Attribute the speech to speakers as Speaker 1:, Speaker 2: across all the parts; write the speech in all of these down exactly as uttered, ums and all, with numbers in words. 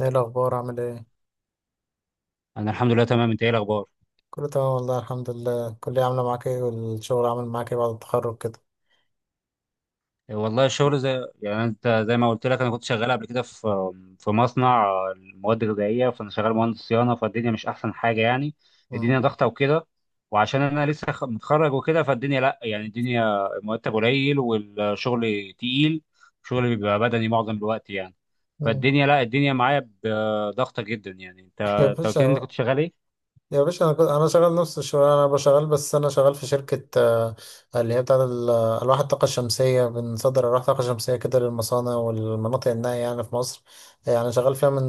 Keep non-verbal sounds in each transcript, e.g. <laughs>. Speaker 1: ايه الاخبار؟ عامل ايه؟
Speaker 2: انا الحمد لله تمام، انت ايه الاخبار؟
Speaker 1: كله تمام والله، الحمد لله. الكليه عامله معاك ايه والشغل عامل معاك ايه بعد التخرج كده؟
Speaker 2: والله الشغل زي يعني انت زي ما قلت لك انا كنت شغال قبل كده في في مصنع المواد الغذائيه، فانا شغال مهندس صيانه، فالدنيا مش احسن حاجه يعني.
Speaker 1: مم.
Speaker 2: الدنيا ضغطه وكده، وعشان انا لسه خ- متخرج وكده، فالدنيا لا، يعني الدنيا مرتب قليل والشغل تقيل، شغل بيبقى بدني معظم الوقت يعني.
Speaker 1: مم.
Speaker 2: فالدنيا لا، الدنيا معايا ب- ضغطه جدا يعني. انت،
Speaker 1: <laughs> يا
Speaker 2: انت قلت لي انت
Speaker 1: باشا.
Speaker 2: كنت شغال ايه؟
Speaker 1: يا باشا، انا كنت- انا شغال نفس الشغل. انا بشغال بس انا شغال في شركه، آه، اللي هي بتاعه ال- آه، الواح الطاقه الشمسيه. بنصدر الواح الطاقه الشمسيه كده للمصانع والمناطق النائيه يعني في مصر. آه، يعني شغال فيها من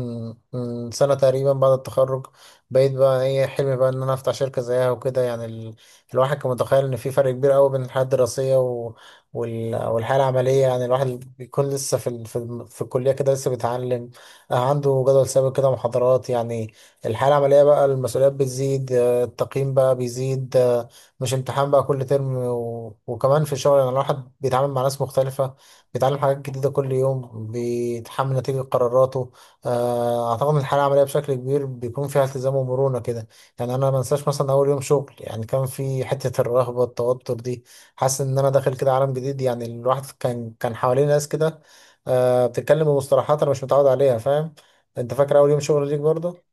Speaker 1: من سنه تقريبا بعد التخرج. بقيت بقى ايه حلمي بقى ان انا افتح شركه زيها وكده، يعني ال... الواحد كان متخيل ان في فرق كبير قوي بين الحياه الدراسيه و... وال... والحياه العمليه. يعني الواحد بيكون لسه في ال... في, الم- في الكليه كده لسه بيتعلم، آه، عنده جدول ثابت كده محاضرات يعني. الحياة العملية بقى المسؤوليات بتزيد، آه، التقييم بقى بيزيد، آه، مش امتحان بقى كل ترم، و... وكمان في الشغل يعني الواحد بيتعامل مع ناس مختلفة، بيتعلم حاجات جديدة كل يوم، بيتحمل نتيجة قراراته. آه، أعتقد إن الحياة العملية بشكل كبير بيكون فيها التزام ومرونة كده. يعني أنا ما أنساش مثلا أول يوم شغل، يعني كان في حتة الرهبة والتوتر دي، حاسس إن أنا داخل كده عالم جديد. يعني الواحد كان كان حواليه ناس كده آه، بتتكلم بمصطلحات أنا مش متعود عليها، فاهم؟ أنت فاكر أول يوم شغل ليك برضه؟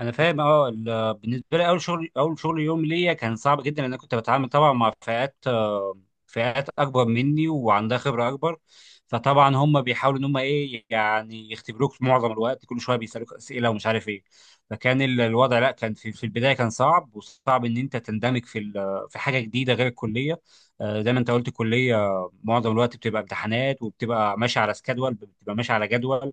Speaker 2: انا فاهم، اه ال- بالنسبه لي، اول شغل اول شغل يوم ليا كان صعب جدا، لان انا كنت بتعامل طبعا مع فئات آه، فئات اكبر مني وعندها خبره اكبر. فطبعا هم بيحاولوا ان هم ايه يعني يختبروك، معظم الوقت كل شويه بيسالوك اسئله ومش عارف ايه. فكان ال- الوضع، لا، كان في, في البدايه كان صعب، وصعب ان انت تندمج في ال- في حاجه جديده غير الكليه. آه، زي ما انت قلت الكليه معظم الوقت بتبقى امتحانات، وبتبقى ماشي على سكادول، بتبقى ماشي على جدول،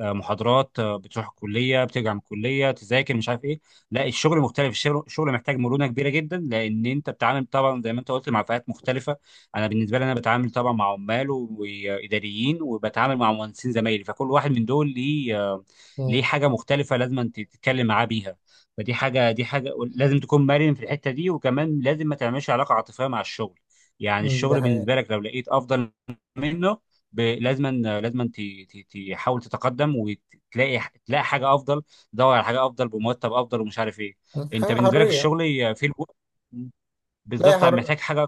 Speaker 2: آه، محاضرات، آه، بتروح الكليه، بترجع من الكليه تذاكر، مش عارف ايه. لا، الشغل مختلف، الشغل الشغل محتاج مرونه كبيره جدا، لان انت بتتعامل طبعا زي ما انت قلت مع فئات مختلفه. انا بالنسبه لي انا بتعامل طبعا مع عمال و- واداريين، وبتعامل مع مهندسين زمايلي، فكل واحد من دول ليه آه، ليه حاجه مختلفه لازم أنت تتكلم معاه بيها. فدي حاجه دي حاجه لازم تكون مرن في الحته دي، وكمان لازم ما تعملش علاقه عاطفيه مع الشغل. يعني
Speaker 1: مم، ده
Speaker 2: الشغل
Speaker 1: حقيقة.
Speaker 2: بالنسبه لك لو لقيت افضل منه، ب- لازما، لازما ت- ت- تحاول تتقدم وتلاقي، تلاقي حاجه افضل، تدور على حاجه افضل بمرتب افضل ومش عارف ايه.
Speaker 1: حاجة
Speaker 2: انت بالنسبه لك
Speaker 1: حرية.
Speaker 2: الشغل في الوقت
Speaker 1: لا يا
Speaker 2: بالظبط
Speaker 1: حر...
Speaker 2: محتاج حاجه؟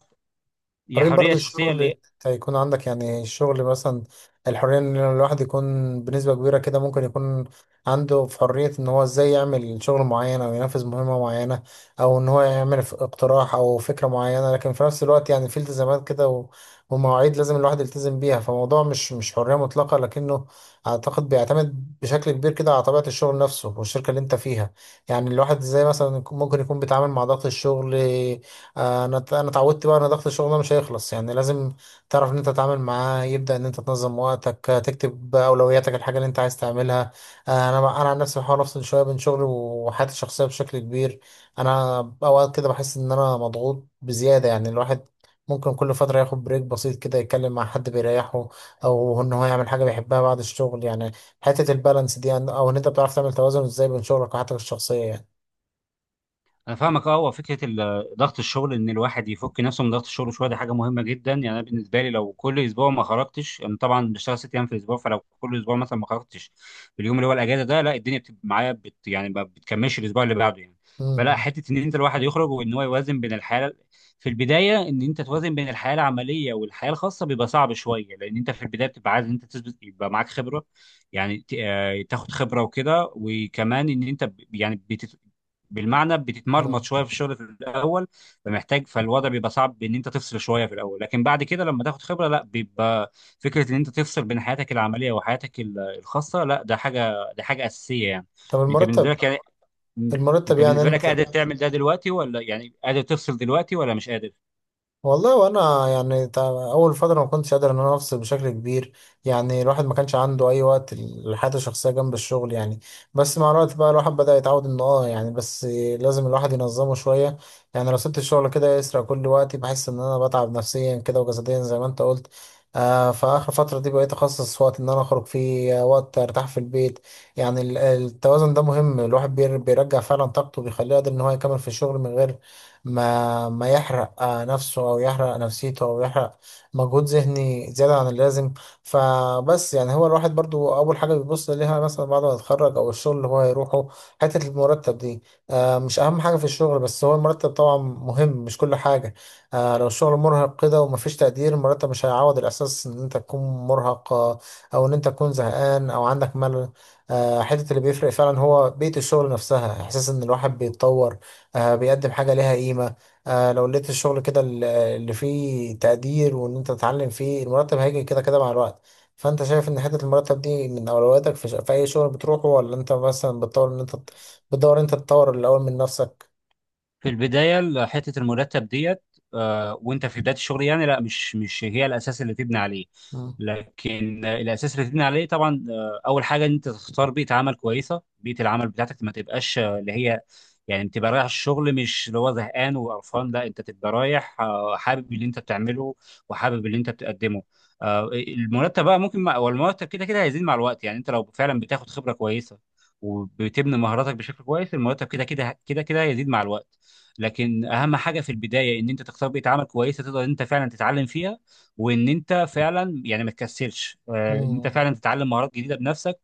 Speaker 2: يا
Speaker 1: حرية
Speaker 2: حريه
Speaker 1: برضه
Speaker 2: شخصيه.
Speaker 1: الشغل هيكون عندك. يعني الشغل مثلا الحرية ان الواحد يكون بنسبة كبيرة كده ممكن يكون عنده في حرية ان هو ازاي يعمل شغل معين او ينفذ مهمة معينة، او ان هو يعمل ف- اقتراح او فكرة معينة. لكن في نفس الوقت يعني في التزامات كده، و- ومواعيد لازم الواحد يلتزم بيها. فموضوع مش مش حرية مطلقة، لكنه اعتقد بيعتمد بشكل كبير كده على طبيعة الشغل نفسه والشركة اللي انت فيها. يعني الواحد ازاي مثلا يكون- ممكن يكون بيتعامل مع ضغط الشغل. آه، انا انا اتعودت بقى ان ضغط الشغل ده مش هيخلص. يعني لازم تعرف ان انت تتعامل معاه، يبدا ان انت تنظم وقتك، آه، تكتب اولوياتك، الحاجه اللي انت عايز تعملها. آه، انا انا عن نفسي بحاول افصل شويه بين شغلي وحياتي الشخصيه بشكل كبير. انا اوقات كده بحس ان انا مضغوط بزياده. يعني الواحد ممكن كل فتره ياخد بريك بسيط كده، يتكلم مع حد بيريحه او ان هو يعمل حاجه بيحبها بعد الشغل. يعني حته البالانس دي، او ان انت بتعرف تعمل توازن ازاي بين شغلك وحياتك الشخصيه يعني.
Speaker 2: انا فاهمك، اه. هو فكره ال- آه، ضغط الشغل، ان الواحد يفك نفسه من ضغط الشغل شويه، دي حاجه مهمه جدا. يعني انا بالنسبه لي، لو كل اسبوع ما خرجتش، انا طبعا بشتغل ست ايام في الاسبوع، فلو كل اسبوع مثلا ما خرجتش في اليوم اللي هو الاجازه ده، لا، الدنيا بتبقى معايا بت يعني ما بتكملش الاسبوع اللي بعده يعني. فلا،
Speaker 1: امم.
Speaker 2: حته ان انت الواحد يخرج وان هو يوازن بين الحياه، في البدايه ان انت توازن بين الحياه العمليه والحياه الخاصه بيبقى صعب شويه، لان انت في البدايه بتبقى عايز ان انت تثبت، يبقى معاك خبره، يعني ت- آه، تاخد خبره وكده. وكمان ان انت ب- يعني بالمعنى
Speaker 1: أمم.
Speaker 2: بتتمرمط شويه في الشغل في الاول، فمحتاج، فالوضع بيبقى صعب ان انت تفصل شويه في الاول، لكن بعد كده لما تاخد خبره، لا، بيبقى فكره ان انت تفصل بين حياتك العمليه وحياتك ال- الخاصه، لا، ده حاجه ده حاجه اساسيه يعني.
Speaker 1: طب
Speaker 2: انت بالنسبه
Speaker 1: المرتب.
Speaker 2: لك يعني م-
Speaker 1: المرتب
Speaker 2: انت
Speaker 1: يعني
Speaker 2: بالنسبه لك
Speaker 1: انت.
Speaker 2: قادر تعمل ده دلوقتي ولا، يعني قادر تفصل دلوقتي ولا مش قادر؟
Speaker 1: والله وانا يعني تع- اول فتره ما كنتش قادر ان انا افصل بشكل كبير. يعني الواحد ما كانش عنده اي وقت لحياته الشخصيه جنب الشغل، يعني بس مع الوقت بقى الواحد بدا يتعود انه، اه يعني، بس لازم الواحد ينظمه شويه. يعني لو سبت الشغل كده يسرق كل وقتي، بحس ان انا بتعب نفسيا كده وجسديا زي ما انت قلت. آه فاخر فتره دي بقيت اخصص وقت ان انا اخرج فيه، آه، وقت ارتاح في البيت. يعني ال- التوازن ده مهم. الواحد بير- بيرجع فعلا طاقته، بيخليه قادر ان هو يكمل في الشغل من غير ما ما يحرق آه، نفسه او يحرق نفسيته او يحرق مجهود ذهني زياده عن اللازم. فبس يعني هو الواحد برضو اول حاجه بيبص ليها مثلا بعد ما يتخرج او الشغل اللي هو هيروحه حته المرتب دي، آه، مش اهم حاجه في الشغل بس هو المرتب. طبعا مهم، مش كل حاجه. آه، لو الشغل مرهق كده ومفيش تقدير، المرتب مش هيعوض الاحساس ان انت تكون مرهق، آه، او ان انت تكون زهقان او عندك ملل. آه، حته اللي بيفرق فعلا هو بيئه الشغل نفسها، احساس ان الواحد بيتطور، آه بيقدم حاجة ليها قيمة. آه لو لقيت الشغل كده ال- اللي فيه تقدير وإن أنت تتعلم فيه، المرتب هيجي كده كده مع الوقت. فأنت شايف إن حتة المرتب دي من أولوياتك في, ش- في أي شغل بتروحه، ولا أنت مثلا بتطور إن أنت تط- بتدور إن أنت تطور الأول من نفسك؟
Speaker 2: في البدايه ال- حته المرتب ديت، آه، وانت في بدايه الشغل، يعني لا، مش مش هي الاساس اللي تبني عليه.
Speaker 1: مم.
Speaker 2: لكن آه، الاساس اللي تبني عليه طبعا، آه، اول حاجه ان انت تختار بيئه عمل كويسه. بيئه العمل بتاعتك ما تبقاش، آه، اللي هي يعني تبقى رايح الشغل مش اللي هو زهقان وقرفان، لا، انت تبقى رايح، آه، حابب اللي انت بتعمله، وحابب اللي انت بتقدمه. آه، المرتب بقى ممكن مع- والمرتب كده كده هيزيد مع الوقت، يعني انت لو فعلا بتاخد خبره كويسه وبتبني مهاراتك بشكل كويس، المرتب كده كده كده كده هيزيد مع الوقت. لكن اهم حاجه في البدايه ان انت تختار بيئه عمل كويسه تقدر انت فعلا تتعلم فيها، وان انت فعلا يعني ما تكسلش، آه، ان انت
Speaker 1: مم.
Speaker 2: فعلا تتعلم مهارات جديده بنفسك،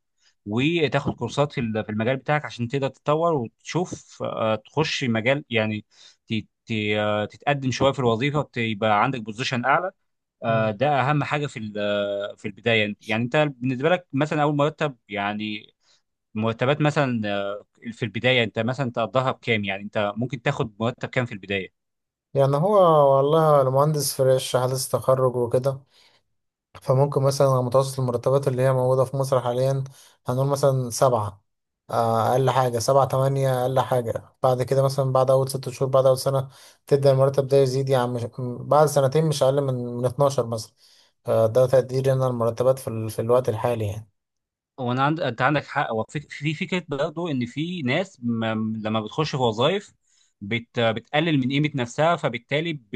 Speaker 2: وتاخد كورسات في ال- في المجال بتاعك عشان تقدر تتطور، وتشوف، آه، تخش مجال يعني، ت- ت- آه، تتقدم شويه في الوظيفه، وتبقى عندك بوزيشن اعلى. آه،
Speaker 1: مم.
Speaker 2: ده اهم حاجه في ال- آه، في البدايه. يعني انت بالنسبه لك مثلا اول مرتب، يعني مرتبات مثلا، آه، في البدايه انت مثلا تقضيها بكام، يعني انت ممكن تاخد مرتب كام في البدايه؟
Speaker 1: يعني هو، والله أنا مهندس فريش حديث تخرج وكده. فممكن مثلا على متوسط المرتبات اللي هي موجودة في مصر حاليا، هنقول مثلا سبعة. آه، أقل حاجة سبعة تمانية أقل حاجة. بعد كده مثلا بعد أول ست شهور، بعد أول سنة تبدأ المرتب ده يزيد، يعني مش بعد سنتين مش أقل من من اتناشر مثلا. آه، ده تقديري أنا المرتبات في, ال... في الوقت الحالي يعني.
Speaker 2: هو انا عند... انت عندك حق. هو فك- في فكره برضه ان في ناس ما... لما بتخش في وظائف بت... بتقلل من قيمه نفسها، فبالتالي ب...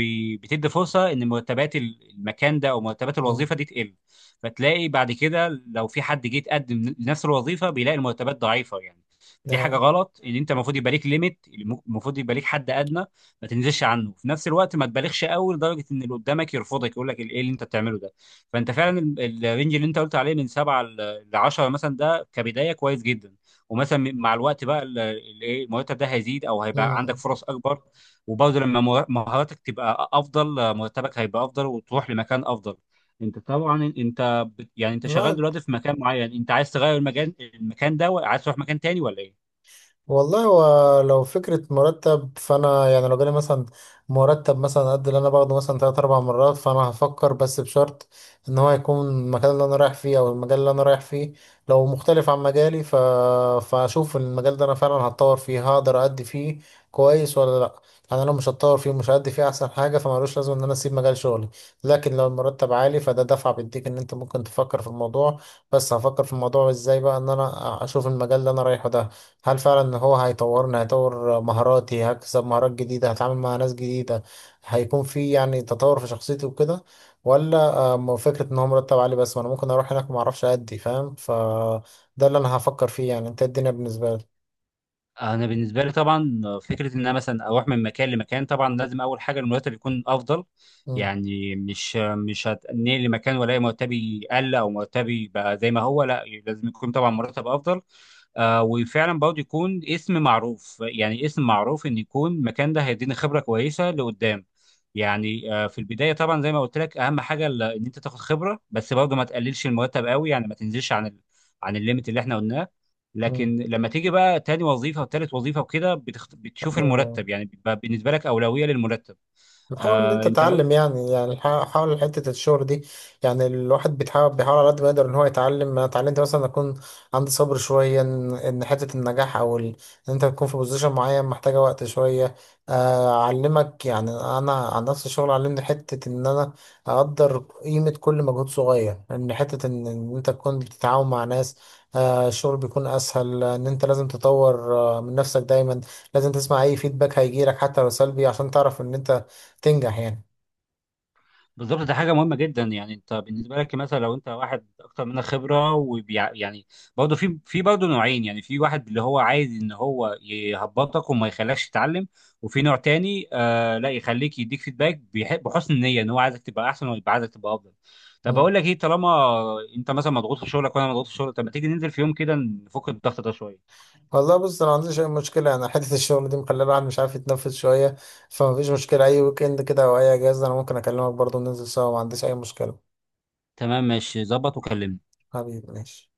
Speaker 2: بتدي فرصه ان مرتبات المكان ده او مرتبات
Speaker 1: مم.
Speaker 2: الوظيفه دي تقل. فتلاقي بعد كده لو في حد جه يتقدم لنفس الوظيفه بيلاقي المرتبات ضعيفه يعني. دي حاجه
Speaker 1: ده.
Speaker 2: غلط، ان انت المفروض يبقى ليك ليميت، المفروض يبقى ليك حد ادنى ما تنزلش عنه، في نفس الوقت ما تبالغش قوي لدرجه ان اللي قدامك يرفضك يقول لك ايه اللي انت بتعمله ده. فانت فعلا ال- الرينج اللي انت قلت عليه من سبعه ل عشرة مثلا ده كبدايه كويس جدا. ومثلا م- مع الوقت بقى ال- ال- ايه المرتب ده هيزيد، او هيبقى عندك
Speaker 1: مم.
Speaker 2: فرص اكبر. وبرضه لما مه- مهاراتك تبقى افضل، مرتبك هيبقى افضل وتروح لمكان افضل. انت طبعا، انت بت- يعني انت شغال
Speaker 1: الواحد.
Speaker 2: دلوقتي في مكان معين، انت عايز تغير المكان المكان ده وعايز تروح مكان تاني ولا ايه؟
Speaker 1: والله هو لو فكرة مرتب، فأنا يعني لو جالي مثلا مرتب مثلا قد اللي أنا باخده مثلا تلات أربع مرات، فأنا هفكر، بس بشرط إن هو يكون المكان اللي أنا رايح فيه أو المجال اللي أنا رايح فيه لو مختلف عن مجالي، ف... فأشوف المجال ده أنا فعلا هتطور فيه، هقدر أدي فيه كويس ولا لأ. أنا لو مش هتطور فيه ومش هأدي فيه أحسن حاجة فمالوش لازم إن أنا أسيب مجال شغلي. لكن لو المرتب عالي فده دفعة بيديك إن أنت ممكن تفكر في الموضوع. بس هفكر في الموضوع إزاي بقى؟ إن أنا أشوف المجال اللي أنا رايحه ده هل فعلا إن هو هيطورني، هيطور مهاراتي، هكسب مهارات جديدة، هتعامل مع ناس جديدة، هيكون في يعني تطور في شخصيتي وكده، ولا آم، فكرة ان هو مرتب عالي بس، وانا ممكن اروح هناك ما اعرفش ادي، فاهم؟ فده اللي انا هفكر فيه. يعني انت إيه الدنيا بالنسبة لي؟
Speaker 2: انا بالنسبه لي طبعا، فكره ان انا مثلا اروح من مكان لمكان، طبعا لازم اول حاجه المرتب يكون افضل.
Speaker 1: مم.
Speaker 2: يعني مش مش هتنقل لمكان والاقي مرتبي قل او مرتبي بقى زي ما هو، لا، لازم يكون طبعا مرتب افضل. آه وفعلا برضه يكون اسم معروف، يعني اسم معروف ان يكون المكان ده هيديني خبره كويسه لقدام. يعني آه في البدايه طبعا زي ما قلت لك اهم حاجه ال- ان انت تاخد خبره، بس برضه ما تقللش المرتب قوي، يعني ما تنزلش عن ال... عن الليميت اللي احنا قلناه.
Speaker 1: مم.
Speaker 2: لكن لما تيجي بقى تاني وظيفه وتالت وظيفه وكده، بتخت... بتشوف
Speaker 1: أيوة.
Speaker 2: المرتب، يعني بيبقى بالنسبه لك اولويه للمرتب.
Speaker 1: حاول ان
Speaker 2: آه
Speaker 1: انت
Speaker 2: انت ب...
Speaker 1: تتعلم، يعني يعني حا- حاول حته الشغل دي. يعني الواحد بيتحاول بيحاول على قد ما يقدر ان هو يتعلم. انا اتعلمت مثلا اكون عندي صبر شويه، ان إن حته النجاح او ال... ان انت تكون في بوزيشن معين محتاجه وقت شويه. آه، اعلمك يعني انا عن نفس الشغل، علمني حته ان انا اقدر قيمه كل مجهود صغير، ان حته ان إن انت تكون بتتعاون مع ناس، آه، الشغل بيكون اسهل. ان انت لازم تطور آه، من نفسك دايما. لازم تسمع اي فيدباك هيجيلك حتى لو سلبي عشان تعرف ان انت تنجح يعني.
Speaker 2: بالظبط، ده حاجه مهمه جدا. يعني انت بالنسبه لك مثلا لو انت واحد اكتر منك خبره وبيع... يعني برضه في في برضه نوعين يعني. في واحد اللي هو عايز ان هو يهبطك وما يخليكش تتعلم، وفي نوع تاني آه لا، يخليك يديك فيدباك بيح... بحسن النيه، ان هو عايزك تبقى احسن ويبقى عايزك تبقى افضل. طب
Speaker 1: مم.
Speaker 2: اقول لك ايه، طالما انت مثلا مضغوط في شغلك وانا مضغوط في شغلك، طب ما تيجي ننزل في يوم كده نفك الضغط ده شويه؟
Speaker 1: والله بص انا ما عنديش اي مشكله. انا حته الشغل دي مخليه الواحد مش عارف يتنفس شويه. فما فيش مشكله، اي ويك اند كده او اي اجازه انا ممكن اكلمك برضه ننزل سوا، ما عنديش اي مشكله.
Speaker 2: تمام، ماشي، ظبط، وكلمني.
Speaker 1: حبيبي ماشي.